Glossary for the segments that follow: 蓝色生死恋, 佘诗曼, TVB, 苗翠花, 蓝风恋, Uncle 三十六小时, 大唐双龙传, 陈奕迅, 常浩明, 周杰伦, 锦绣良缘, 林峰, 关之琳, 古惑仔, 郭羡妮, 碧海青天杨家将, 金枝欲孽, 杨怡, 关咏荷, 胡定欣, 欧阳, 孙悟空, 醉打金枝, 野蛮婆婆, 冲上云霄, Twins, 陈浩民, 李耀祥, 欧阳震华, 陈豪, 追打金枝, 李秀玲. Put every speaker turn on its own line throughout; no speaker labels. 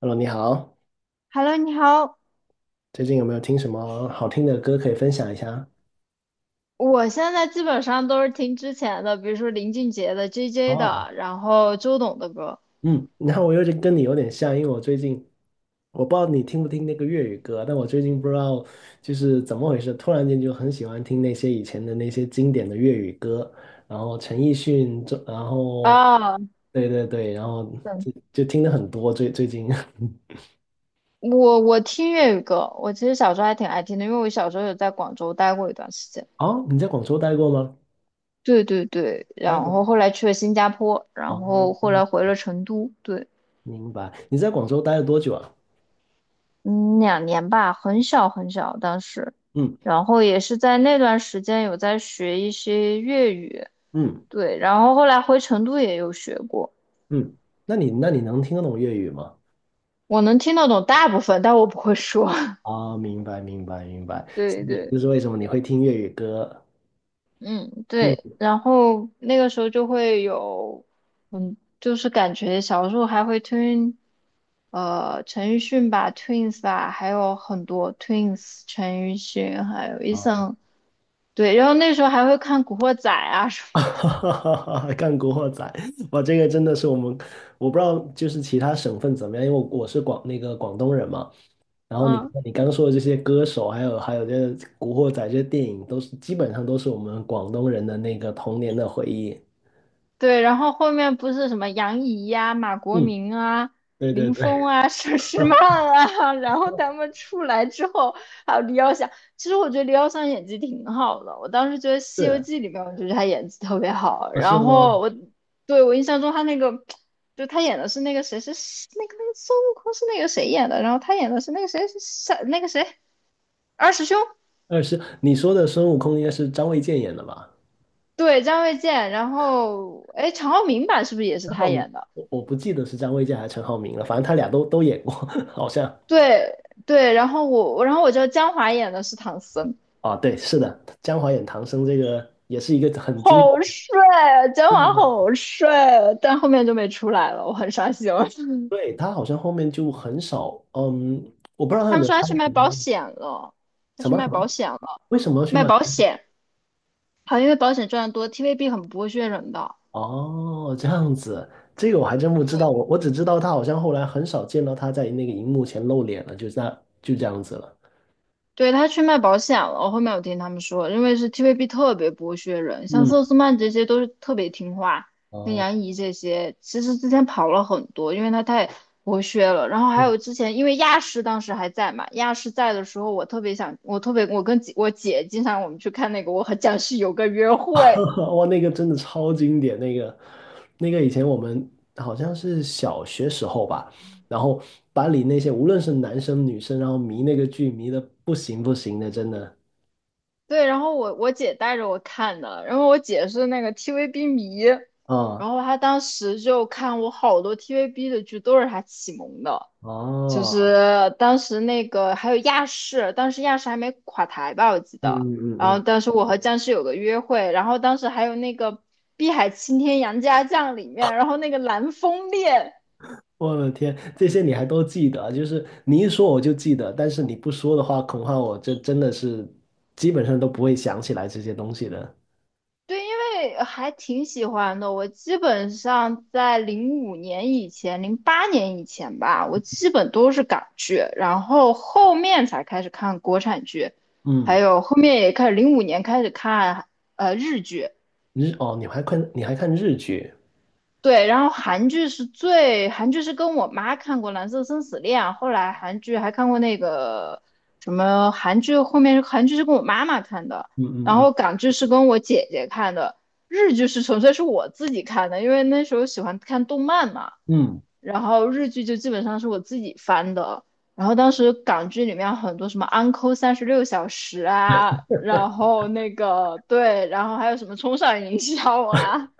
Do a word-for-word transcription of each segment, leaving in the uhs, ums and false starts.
Hello，你好，
Hello，你好，
最近有没有听什么好听的歌可以分享一下？
我现在基本上都是听之前的，比如说林俊杰的、J J
哦，
的，然后周董的歌。
嗯，然后我又跟你有点像，因为我最近我不知道你听不听那个粤语歌，但我最近不知道就是怎么回事，突然间就很喜欢听那些以前的那些经典的粤语歌，然后陈奕迅，这然后
啊，
对对对，然后
对，
就就听的很多最最近。
我我听粤语歌，我其实小时候还挺爱听的，因为我小时候有在广州待过一段时间。
哦，你在广州待过吗？
对对对，
待
然
了。
后后来去了新加坡，然后后
哦，
来回了成都，对，
明白。你在广州待了多久啊？
嗯，两年吧，很小很小当时，
嗯
然后也是在那段时间有在学一些粤语，
嗯。
对，然后后来回成都也有学过。
嗯，那你那你能听得懂粤语吗？
我能听得懂大部分，但我不会说。
啊，明白明白明白，所
对
以就
对，
是为什么你会听粤语歌？
嗯，
嗯
对，然后那个时候就会有，嗯，就是感觉小时候还会听，呃，陈奕迅吧，Twins 吧，还有很多 Twins，陈奕迅，还有 Eason，对，然后那时候还会看《古惑仔》啊什
啊，干古惑仔，哇，这个真的是我们，我不知道就是其他省份怎么样，因为我我是广那个广东人嘛，然后
么，
你
嗯。
你刚说的这些歌手，还有还有这古惑仔这些电影，都是基本上都是我们广东人的那个童年的回忆。
对，然后后面不是什么杨怡呀、马国
嗯，
明啊、
对对
林
对，
峰啊、佘 诗曼
啊，
啊，然后他们出来之后，还有李耀祥。其实我觉得李耀祥演技挺好的，我当时觉得《西游
是
记》里面，我觉得他演技特别好。
啊，是
然后
吗？
我对，我印象中他那个，就他演的是那个谁，是那个那个孙悟空是那个谁演的，然后他演的是那个谁是是那个谁二师兄，
二是你说的孙悟空应该是张卫健演的吧？
对，张卫健。然后哎，常浩明版是不是也是
陈浩
他
民，
演的？
我我不记得是张卫健还是陈浩民了，反正他俩都都演过，好像。
对对，然后我，我，然后我觉得江华演的是唐僧，
啊，对，是的，《江华演唐僧》这个也是一个很经典。
好帅，啊，江
对
华
的，
好帅，啊，但后面就没出来了，我很伤心。
对，他好像后面就很少，嗯，我不知道他有
他
没
们
有
说他
拍
去卖
其
保
他的
险了，他
什
去
么什
卖
么，
保险了，
为什么要去
卖
曼
保
谷
险，好像因为保险赚得多，T V B 很不会虐人的。
哦，这样子，这个我还真不知道，我我只知道他好像后来很少见到他在那个荧幕前露脸了，就在就这样子了。
对，他去卖保险了，我后面有听他们说，因为是 T V B 特别剥削人，像
嗯，
佘诗曼这些都是特别听话，像
哦，
杨怡这些，其实之前跑了很多，因为他太剥削了。然后还
嗯。
有之前，因为亚视当时还在嘛，亚视在的时候，我特别想，我特别，我跟姐我姐经常我们去看那个《我和僵尸有个约会》，
哇，那个真的超经典，那个那个以前我们好像是小学时候吧，然后班里那些无论是男生女生，然后迷那个剧迷的不行不行的，真的
对，然后我我姐带着我看的，然后我姐是那个 T V B 迷，
啊
然后她当时就看我好多 T V B 的剧都是她启蒙的，就
哦，
是当时那个还有亚视，当时亚视还没垮台吧，我记
嗯
得，
嗯
然后
嗯，
当时我和僵尸有个约会，然后当时还有那个《碧海青天杨家将》里面，然后那个蓝风恋，
我的天，这些你还都记得，就是你一说我就记得，但是你不说的话，恐怕我这真的是基本上都不会想起来这些东西的。
对，因为还挺喜欢的。我基本上在零五年以前、零八年以前吧，我基本都是港剧，然后后面才开始看国产剧，还
嗯，
有后面也开始零五年开始看呃日剧，
日哦，你还看你还看日剧？
对，然后韩剧是最，韩剧是跟我妈看过《蓝色生死恋》，后来韩剧还看过那个什么韩剧，后面韩剧是跟我妈妈看的，
嗯
然
嗯
后
嗯
港剧是跟我姐姐看的，日剧是纯粹是我自己看的，因为那时候喜欢看动漫嘛，
嗯。
然后日剧就基本上是我自己翻的，然后当时港剧里面很多什么《Uncle 三十六小时》啊，然后那个对，然后还有什么《冲上云霄》啊。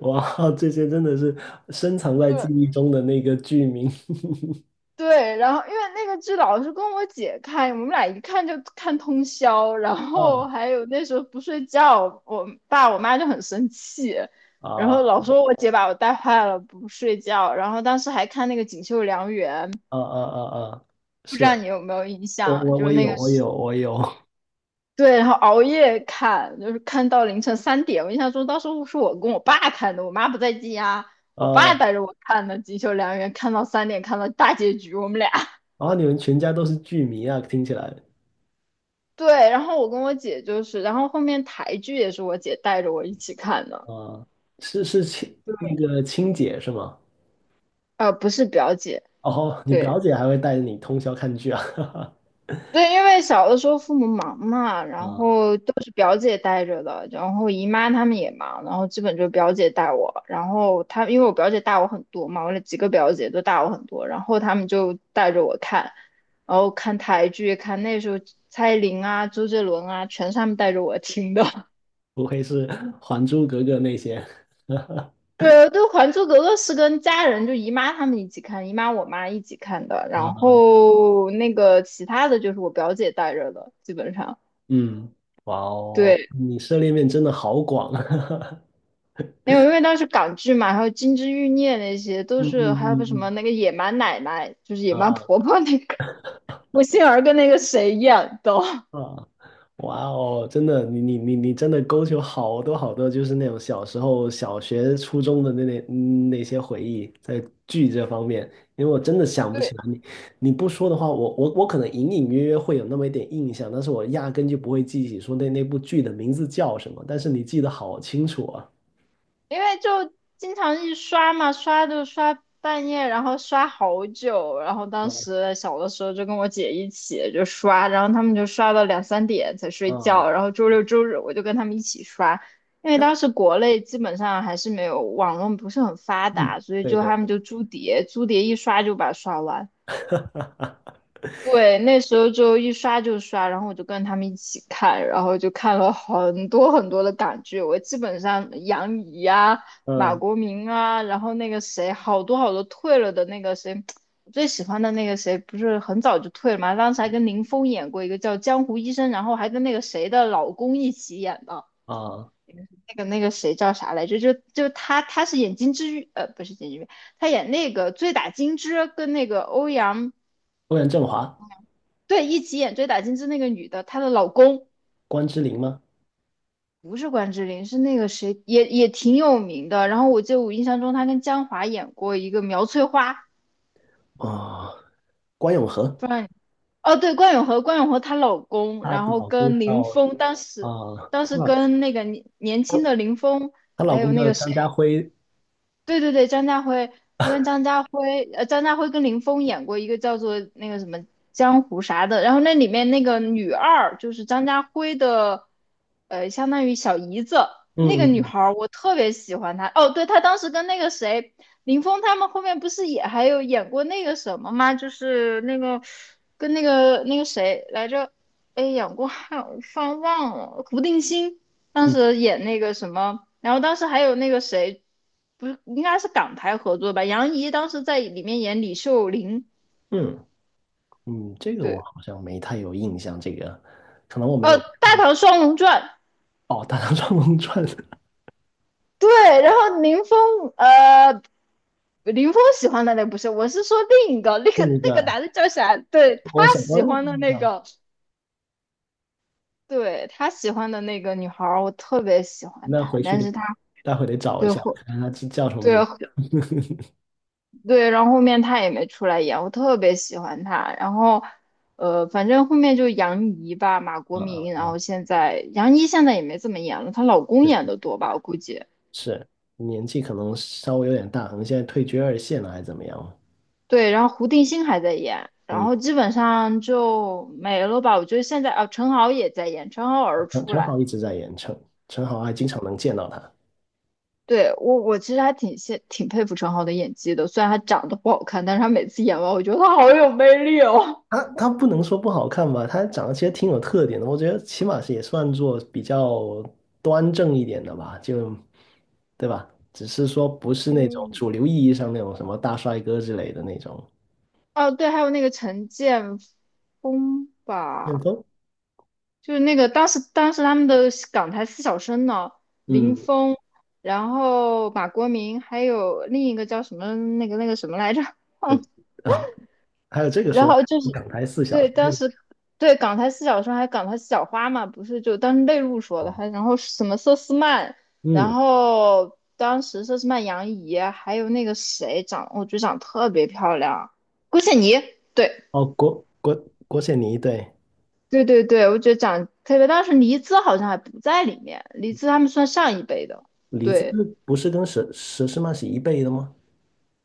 哇，这些真的是深藏在记
对，
忆中的那个剧名
对，然后因为那个剧老是跟我姐看，我们俩一看就看通宵，然后
啊
还有那时候不睡觉，我爸我妈就很生气，然后
啊
老说我姐把我带坏了，不睡觉，然后当时还看那个《锦绣良缘》，
啊啊啊啊！
不
是
知道你有没有印
我
象，
我
就
我
是那
有
个
我
是
有我有
对，然后熬夜看，就是看到凌晨三点，我印象中当时是我跟我爸看的，我妈不在家，我爸
啊！
带着我看的《锦绣良缘》，看到三点，看到大结局，我们俩。
然后你们全家都是剧迷啊，听起来
对，然后我跟我姐就是，然后后面台剧也是我姐带着我一起看的，
啊，是是亲那个亲姐是吗？
呃，不是表姐，
哦，你
对
表姐还会带着你通宵看剧啊？
对，因为小的时候父母忙嘛，然
啊，
后都是表姐带着的，然后姨妈他们也忙，然后基本就表姐带我，然后她因为我表姐大我很多嘛，我那几个表姐都大我很多，然后她们就带着我看，然后看台剧，看那时候蔡依林啊、周杰伦啊，全是她们带着我听的。
不愧是《还珠格格》那些
对对，《还珠格格》是跟家人，就姨妈他们一起看，姨妈我妈一起看的。然
啊，
后那个其他的就是我表姐带着的，基本上，
嗯，哇哦，
对，
你涉猎面真的好广啊，
因为因为当时港剧嘛，还有《金枝欲孽》那些都
嗯
是，
嗯
还有个
嗯
什么
嗯
那个野蛮奶奶，就是野
啊
蛮
啊。
婆婆那个，我心儿跟那个谁演的？
啊，哇哦，真的，你你你你真的勾起我好多好多，就是那种小时候、小学、初中的那那嗯那些回忆，在剧这方面，因为我真的想 不起
对，
来你，你不说的话，我我我可能隐隐约约会有那么一点印象，但是我压根就不会记起说那那部剧的名字叫什么，但是你记得好清楚啊，
因为就经常一刷嘛，刷就刷半夜，然后刷好久。然后当
啊
时小的时候就跟我姐一起就刷，然后他们就刷到两三点才睡
啊，
觉。然后周六周日我就跟他们一起刷，因为
但
当时国内基本上还是没有网络不是很发
嗯，
达，所以
对
就
对，
他们就租碟，租碟一刷就把它刷完。对，那时候就一刷就刷，然后我就跟他们一起看，然后就看了很多很多的港剧。我基本上杨怡啊、马
嗯
国明啊，然后那个谁，好多好多退了的那个谁，我最喜欢的那个谁，不是很早就退了嘛？当时还跟林峰演过一个叫《江湖医生》，然后还跟那个谁的老公一起演的。
啊，
那个那个谁叫啥来着？就就他，他，是演金枝玉，呃，不是金枝玉，他演那个《醉打金枝》跟那个欧阳，
欧阳震华、
对，一起演《追打金枝》那个女的，她的老公
关之琳吗？
不是关之琳，是那个谁，也也挺有名的。然后我记得我印象中她跟江华演过一个苗翠花，
啊，关咏荷，
不知道你哦，对，关咏荷，关咏荷她老公，
她
然
的
后
老公
跟林
叫。
峰，当时
啊，
当时
她老
跟那个年年轻的林峰，
她
还
老
有
公
那
叫
个谁。
张家辉，
对对对，张家辉，他跟张家辉，呃，张家辉跟林峰演过一个叫做那个什么江湖啥的，然后那里面那个女二就是张家辉的，呃，相当于小姨子，那个
嗯
女
嗯
孩儿我特别喜欢她。哦，对，她当时跟那个谁，林峰他们后面不是也还有演过那个什么吗？就是那个跟那个那个谁来着，哎，演过还有突然忘了，胡定欣。当
嗯
时演那个什么，然后当时还有那个谁，不是应该是港台合作吧？杨怡当时在里面演李秀玲，
嗯嗯，这个我
对，
好像没太有印象，这个可能我没
呃，
有看
《大唐双龙传》，
哦，《大唐双龙传》
对，然后林峰，呃，林峰喜欢的那不是，我是说另一个，那个
另一
那个
个，
男的叫啥？对，他
我想到
喜
另一
欢的那
个
个，对，他喜欢的那个女孩儿，我特别喜欢
那
她，
回去
但
得
是她
待会得找一
对
下，我
后
看看他叫叫什么
对
名。
对，然后后面他也没出来演，我特别喜欢他。然后，呃，反正后面就杨怡吧，马国
嗯嗯
明，然
嗯，
后现在杨怡现在也没怎么演了，她老公
是
演的多吧，我估计。
是，年纪可能稍微有点大，可能现在退居二线了还是怎么样？
对，然后胡定欣还在演，然
嗯，
后基本上就没了吧。我觉得现在啊，陈豪也在演，陈豪偶尔
陈
出
陈
来。
好一直在演，陈陈好还经常能见到他。
对，我，我其实还挺羡挺佩服陈豪的演技的，虽然他长得不好看，但是他每次演完，我觉得他好有魅力哦。
他他不能说不好看吧，他长得其实挺有特点的，我觉得起码是也算作比较端正一点的吧，就对吧？只是说不 是那种
嗯，
主流意义上那种什么大帅哥之类的那种
哦，对，还有那个陈建锋
旋
吧，
风，
就是那个当时当时他们的港台四小生呢，林
嗯，
峰，然后马国明，还有另一个叫什么那个那个什么来着，
我
嗯，
啊，还有这个
然
说法
后就是，
港台四小
对，
时，
当
为什
时，对，港台四小生还有港台四小花嘛，不是就当时内陆说的，
么
还然后什么佘诗曼，然
嗯，
后当时佘诗曼、杨怡，还有那个谁长，我觉得长得特别漂亮，郭羡妮，对，
哦，郭郭郭羡妮对，
对对对，我觉得长得特别，当时黎姿好像还不在里面，黎姿他们算上一辈的，
李子
对，
不是跟佘佘诗曼是一辈的吗？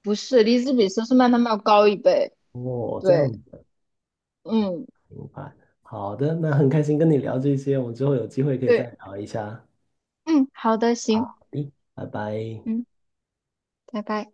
不是，黎姿比佘诗曼他们要高一辈，
哦，这样
对，
明
嗯，
白。好的，那很开心跟你聊这些，我们之后有机会可以再
对，
聊一下。
嗯，好的，行，
好的，拜拜。
嗯，拜拜。